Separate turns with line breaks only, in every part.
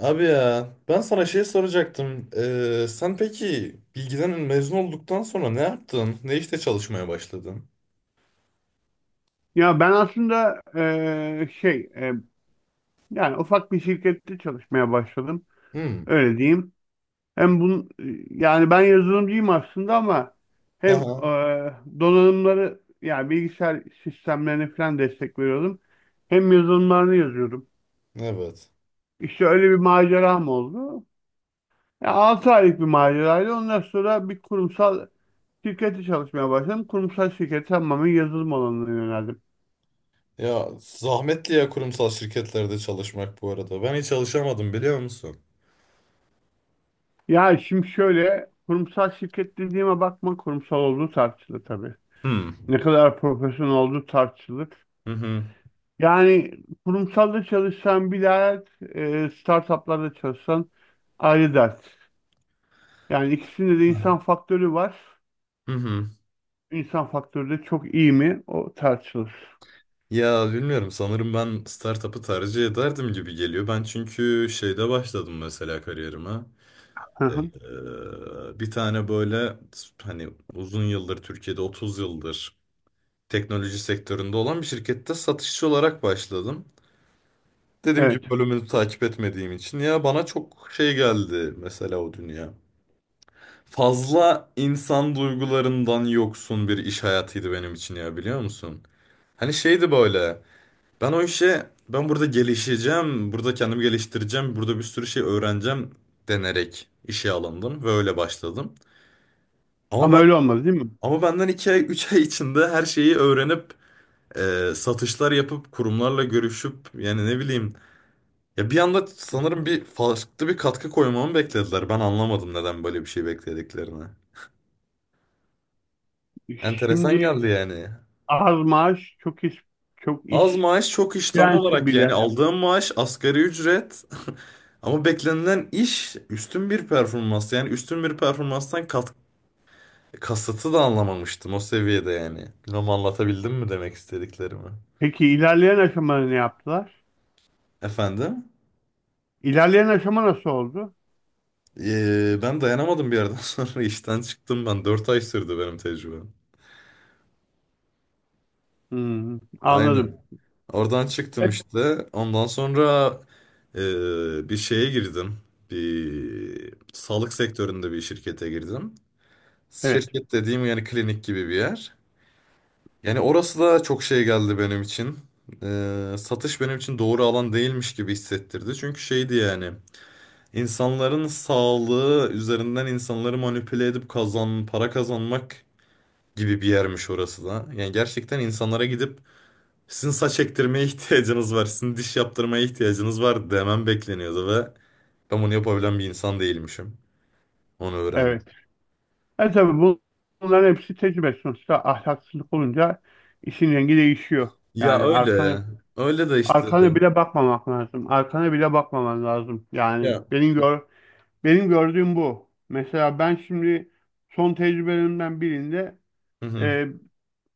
Abi ya ben sana şey soracaktım. Sen peki bilgiden mezun olduktan sonra ne yaptın? Ne işte çalışmaya başladın?
Ya ben aslında yani ufak bir şirkette çalışmaya başladım.
Hmm.
Öyle diyeyim. Hem bun yani ben yazılımcıyım aslında ama hem
Aha,
donanımları yani bilgisayar sistemlerine falan destek veriyordum. Hem yazılımlarını yazıyordum.
evet.
İşte öyle bir maceram oldu. Ya 6 aylık bir maceraydı. Ondan sonra bir kurumsal şirkette çalışmaya başladım. Kurumsal şirkete tamamen yazılım alanına yöneldim.
Ya zahmetli ya kurumsal şirketlerde çalışmak bu arada. Ben hiç çalışamadım biliyor musun?
Ya şimdi şöyle, kurumsal şirket dediğime bakma, kurumsal olduğu tartışılır tabii.
Hmm.
Ne kadar profesyonel olduğu tartışılır.
Hı hı.
Yani kurumsalda çalışsan bir dert, startuplarda çalışsan ayrı dert. Yani ikisinde de insan faktörü var.
Hı hı.
İnsan faktörü de çok iyi mi, o tartışılır.
Ya bilmiyorum, sanırım ben startup'ı tercih ederdim gibi geliyor. Ben çünkü şeyde başladım mesela kariyerime.
Hı hı.
Bir tane böyle hani uzun yıldır Türkiye'de 30 yıldır teknoloji sektöründe olan bir şirkette satışçı olarak başladım. Dediğim
Evet,
gibi, bölümünü takip etmediğim için ya bana çok şey geldi mesela o dünya. Fazla insan duygularından yoksun bir iş hayatıydı benim için, ya biliyor musun? Hani şeydi böyle. Ben o işe ben burada gelişeceğim, burada kendimi geliştireceğim, burada bir sürü şey öğreneceğim denerek işe alındım ve öyle başladım. Ama
ama
ben
öyle olmaz değil mi?
ama benden 2 ay 3 ay içinde her şeyi öğrenip satışlar yapıp kurumlarla görüşüp, yani ne bileyim, ya bir anda sanırım bir farklı bir katkı koymamı beklediler. Ben anlamadım neden böyle bir şey beklediklerini. Enteresan
Şimdi
geldi yani.
az maaş çok iş, çok
Az
iş
maaş çok iş, tam
direnci
olarak yani.
bile.
Aldığım maaş asgari ücret ama beklenilen iş üstün bir performans, yani üstün bir performanstan kat kasıtı da anlamamıştım o seviyede yani. Bilmem anlatabildim mi demek istediklerimi?
Peki ilerleyen aşamada ne yaptılar?
Efendim?
İlerleyen aşama nasıl oldu?
Ben dayanamadım bir yerden sonra işten çıktım ben. 4 ay sürdü benim tecrübem.
Hmm, anladım.
Aynen. Oradan çıktım
Evet.
işte. Ondan sonra bir şeye girdim. Bir sağlık sektöründe bir şirkete girdim.
Evet,
Şirket dediğim yani klinik gibi bir yer. Yani orası da çok şey geldi benim için. Satış benim için doğru alan değilmiş gibi hissettirdi. Çünkü şeydi yani. İnsanların sağlığı üzerinden insanları manipüle edip kazan, para kazanmak gibi bir yermiş orası da. Yani gerçekten insanlara gidip sizin saç ektirmeye ihtiyacınız var, sizin diş yaptırmaya ihtiyacınız var demem bekleniyordu ve ben bunu yapabilen bir insan değilmişim. Onu
evet.
öğrendim.
E tabii bu- Bunların hepsi tecrübe. Sonuçta ahlaksızlık olunca işin rengi değişiyor.
Ya
Yani
öyle.
arkana,
Öyle de işte.
bile bakmamak lazım. Arkana bile bakmaman lazım. Yani
Ya.
benim gör benim gördüğüm bu. Mesela ben şimdi son tecrübelerimden birinde
Hı hı.
e,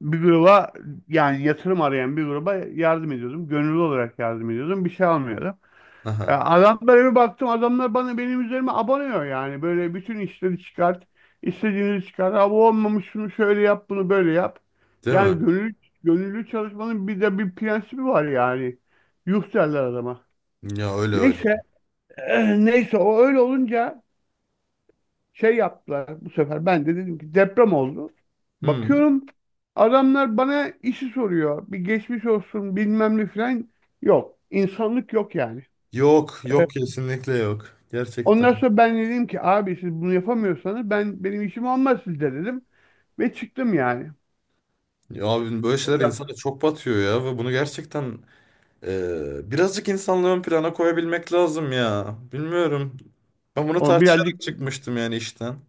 bir gruba, yani yatırım arayan bir gruba yardım ediyordum. Gönüllü olarak yardım ediyordum. Bir şey almıyordum.
Aha.
Adamlara bir baktım, adamlar bana, benim üzerime abanıyor yani. Böyle bütün işleri çıkart, istediğini çıkart. Ha, bu olmamış, şunu şöyle yap, bunu böyle yap.
Değil mi?
Yani gönüllü çalışmanın bir de bir prensibi var yani. Yuh derler adama.
Ya öyle öyle.
Neyse, neyse o öyle olunca şey yaptılar bu sefer. Ben de dedim ki, deprem oldu.
Hı.
Bakıyorum adamlar bana işi soruyor. Bir geçmiş olsun, bilmem ne falan yok. İnsanlık yok yani.
Yok, yok, kesinlikle yok. Gerçekten.
Ondan sonra ben dedim ki, abi siz bunu yapamıyorsanız, ben, benim işim olmaz sizde dedim. Ve çıktım yani.
Ya abi, böyle
O
şeyler
da
insana çok batıyor ya, ve bunu gerçekten. Birazcık insanlığı ön plana koyabilmek lazım ya. Bilmiyorum. Ben bunu
o
tartışarak
birazcık
çıkmıştım yani işten.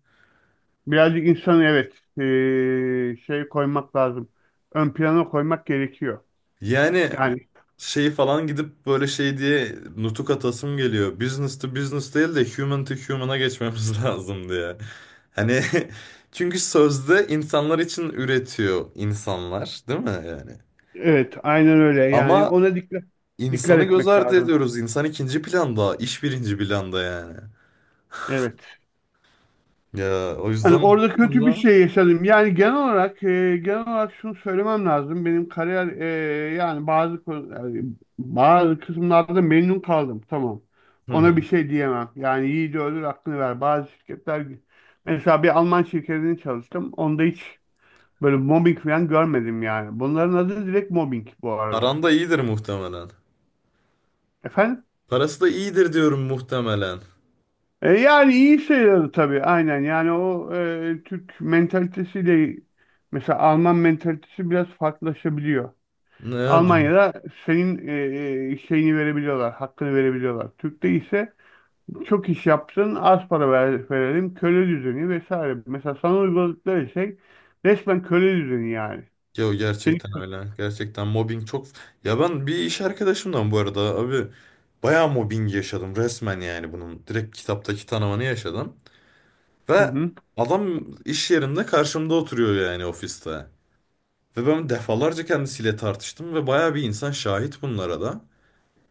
birazcık insanı, evet, şey, koymak lazım. Ön plana koymak gerekiyor.
Yani
Yani
şeyi falan gidip böyle şey diye nutuk atasım geliyor. Business to business değil de human to human'a geçmemiz lazım diye. Hani çünkü sözde insanlar için üretiyor insanlar, değil mi yani?
evet, aynen öyle yani,
Ama
ona dikkat
insanı göz
etmek
ardı
lazım.
ediyoruz. İnsan ikinci planda, iş birinci planda yani.
Evet.
Ya o
Yani
yüzden
orada kötü bir
sonra...
şey yaşadım. Yani genel olarak, genel olarak şunu söylemem lazım. Benim kariyer, yani bazı kısımlarda memnun kaldım. Tamam.
Hı hı.
Ona bir şey diyemem. Yani yiğidi öldür hakkını ver. Bazı şirketler, mesela bir Alman şirketinde çalıştım. Onda hiç böyle mobbing falan görmedim yani. Bunların adı direkt mobbing bu arada.
Aranda iyidir muhtemelen.
Efendim?
Parası da iyidir diyorum muhtemelen.
Yani iyi sayılır tabii, aynen. Yani o, Türk mentalitesiyle mesela Alman mentalitesi biraz farklılaşabiliyor.
Ne ya biz...
Almanya'da senin, şeyini verebiliyorlar, hakkını verebiliyorlar. Türk'te ise çok iş yaptın, az para verelim, köle düzeni vesaire. Mesela sana uyguladıkları şey resmen köle düzeni yani.
Ya
Seni...
gerçekten öyle. Gerçekten mobbing çok... Ya ben bir iş arkadaşımdan bu arada abi bayağı mobbing yaşadım resmen yani bunun. Direkt kitaptaki tanımını yaşadım.
Hı
Ve
hı,
adam iş yerinde karşımda oturuyor yani ofiste. Ve ben defalarca kendisiyle tartıştım ve bayağı bir insan şahit bunlara da.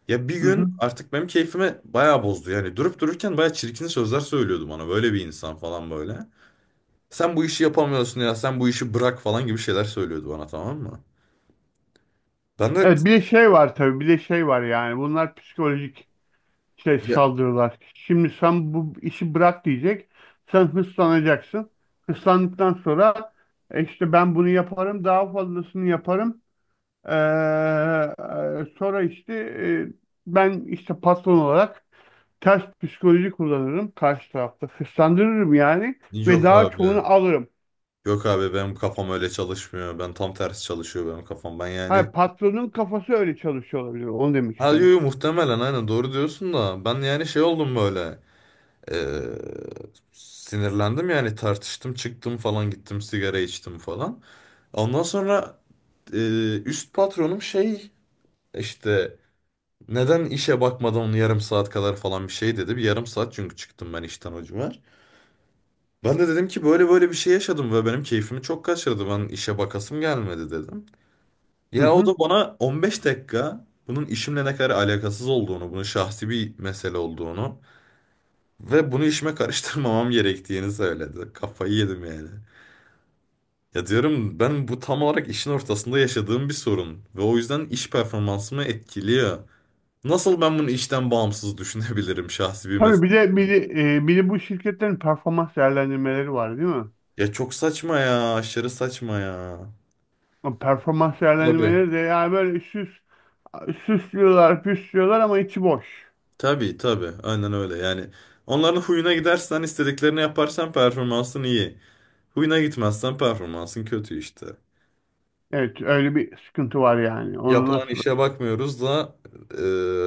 Ya bir
hı
gün
hı.
artık benim keyfime bayağı bozdu. Yani durup dururken bayağı çirkin sözler söylüyordu bana. Böyle bir insan falan böyle. Sen bu işi yapamıyorsun ya, sen bu işi bırak falan gibi şeyler söylüyordu bana, tamam mı? Ben de
Evet, bir de şey var tabii, bir de şey var, yani bunlar psikolojik şey,
ya,
saldırılar. Şimdi sen bu işi bırak diyecek, sen hırslanacaksın. Hırslandıktan sonra, işte ben bunu yaparım, daha fazlasını yaparım. Ee, Sonra işte, ben işte patron olarak ters psikoloji kullanırım karşı tarafta. Hırslandırırım yani ve
yok
daha
abi,
çoğunu alırım.
yok abi, benim kafam öyle çalışmıyor, ben tam tersi çalışıyor benim kafam, ben
Hayır,
yani
patronun kafası öyle çalışıyor olabilir. Onu demek
ha yo,
istedim.
yo, muhtemelen aynen doğru diyorsun da ben yani şey oldum böyle eee, sinirlendim yani, tartıştım, çıktım falan, gittim sigara içtim falan. Ondan sonra üst patronum şey, işte neden işe bakmadan yarım saat kadar falan, bir şey dedi. Bir yarım saat çünkü çıktım ben işten o civar. Ben de dedim ki böyle böyle bir şey yaşadım ve benim keyfimi çok kaçırdı. Ben işe bakasım gelmedi dedim.
Hı
Ya o
hı.
da bana 15 dakika bunun işimle ne kadar alakasız olduğunu, bunun şahsi bir mesele olduğunu ve bunu işime karıştırmamam gerektiğini söyledi. Kafayı yedim yani. Ya diyorum ben, bu tam olarak işin ortasında yaşadığım bir sorun ve o yüzden iş performansımı etkiliyor. Nasıl ben bunu işten bağımsız düşünebilirim şahsi bir
Tabii bir
mesele?
de, bir de, e, bir de bu şirketlerin performans değerlendirmeleri var değil mi?
Ya çok saçma ya, aşırı saçma ya.
O performans
Tabii.
değerlendirmeleri de yani böyle, süs, süslüyorlar, püslüyorlar ama içi boş.
Tabii tabii, aynen öyle yani. Onların huyuna gidersen, istediklerini yaparsan performansın iyi. Huyuna gitmezsen performansın kötü işte.
Evet, öyle bir sıkıntı var yani. Onu
Yapılan
nasıl...
işe bakmıyoruz da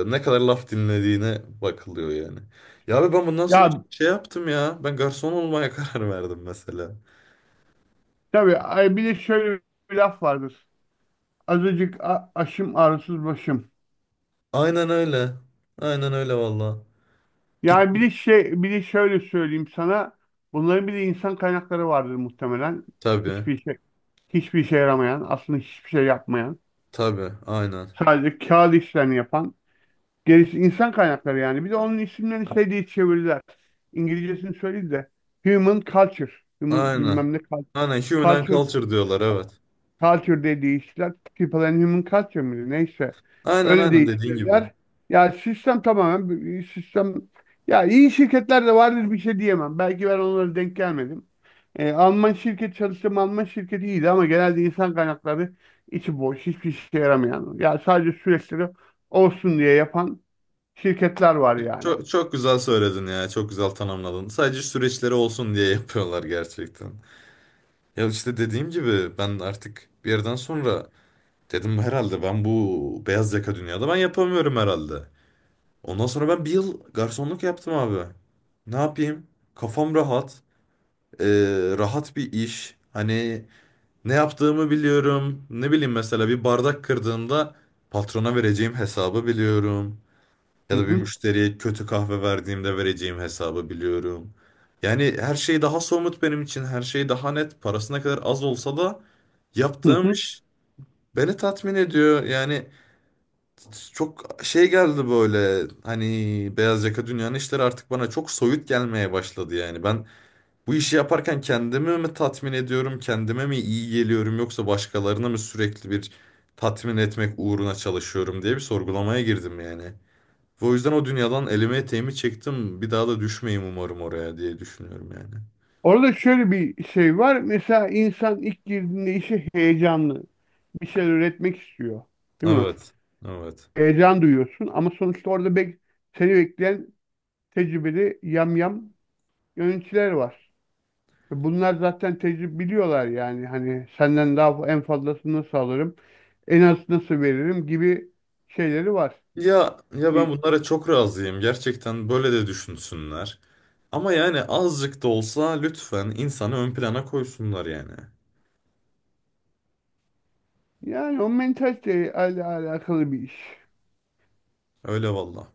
ne kadar laf dinlediğine bakılıyor yani. Ya abi, ben bundan sonra
Ya
şey yaptım ya, ben garson olmaya karar verdim mesela.
tabii, ay, bir de şöyle bir laf vardır. Aşım, ağrısız başım.
Aynen öyle, aynen öyle valla.
Yani bir
Gittim,
de şey, bir de şöyle söyleyeyim sana. Bunların bir de insan kaynakları vardır muhtemelen.
tabii
Hiçbir şey hiçbir işe yaramayan, aslında hiçbir şey yapmayan,
tabii, aynen
sadece kağıt işlerini yapan, gerisi insan kaynakları yani. Bir de onun isimlerini şey diye çevirdiler. İngilizcesini söyleyeyim de, human culture, human
aynen
bilmem ne cul-
aynen human and
culture,
culture diyorlar evet.
Culture diye değiştiler. People and Human Culture mıydı? Neyse.
Aynen
Öyle
aynen dediğin gibi.
değiştirdiler. Sistem, ya iyi şirketler de vardır, bir şey diyemem. Belki ben onlara denk gelmedim. Alman şirket çalıştığım Alman şirketi iyiydi, ama genelde insan kaynakları içi boş, hiçbir işe yaramayan. Ya sadece süreçleri olsun diye yapan şirketler var yani.
Çok, çok güzel söyledin ya. Çok güzel tanımladın. Sadece süreçleri olsun diye yapıyorlar gerçekten. Ya işte dediğim gibi, ben artık bir yerden sonra dedim herhalde ben bu beyaz yaka dünyada ben yapamıyorum herhalde. Ondan sonra ben bir yıl garsonluk yaptım abi. Ne yapayım? Kafam rahat. Ee, Rahat bir iş. Hani ne yaptığımı biliyorum. Ne bileyim, mesela bir bardak kırdığında patrona vereceğim hesabı biliyorum.
Hı
Ya da bir
hı.
müşteriye kötü kahve verdiğimde vereceğim hesabı biliyorum. Yani her şey daha somut benim için. Her şey daha net. Parası ne kadar az olsa da
Hı
yaptığım
hı.
iş beni tatmin ediyor. Yani çok şey geldi böyle. Hani beyaz yaka dünyanın işleri artık bana çok soyut gelmeye başladı yani. Ben bu işi yaparken kendimi mi tatmin ediyorum? Kendime mi iyi geliyorum? Yoksa başkalarına mı sürekli bir tatmin etmek uğruna çalışıyorum diye bir sorgulamaya girdim yani. Ve o yüzden o dünyadan elime eteğimi çektim. Bir daha da düşmeyeyim umarım oraya diye düşünüyorum yani.
Orada şöyle bir şey var. Mesela insan ilk girdiğinde işe heyecanlı. Bir şeyler üretmek istiyor. Değil mi?
Evet. Evet.
Heyecan duyuyorsun ama sonuçta orada seni bekleyen tecrübeli yamyam yöneticiler var. Ve bunlar zaten tecrübe biliyorlar yani. Hani senden daha en fazlasını nasıl alırım, en az nasıl veririm gibi şeyleri var.
Ya ya, ben
Bir,
bunlara çok razıyım. Gerçekten böyle de düşünsünler. Ama yani azıcık da olsa lütfen insanı ön plana koysunlar yani.
yani o mentaliteyle alakalı bir iş.
Öyle valla.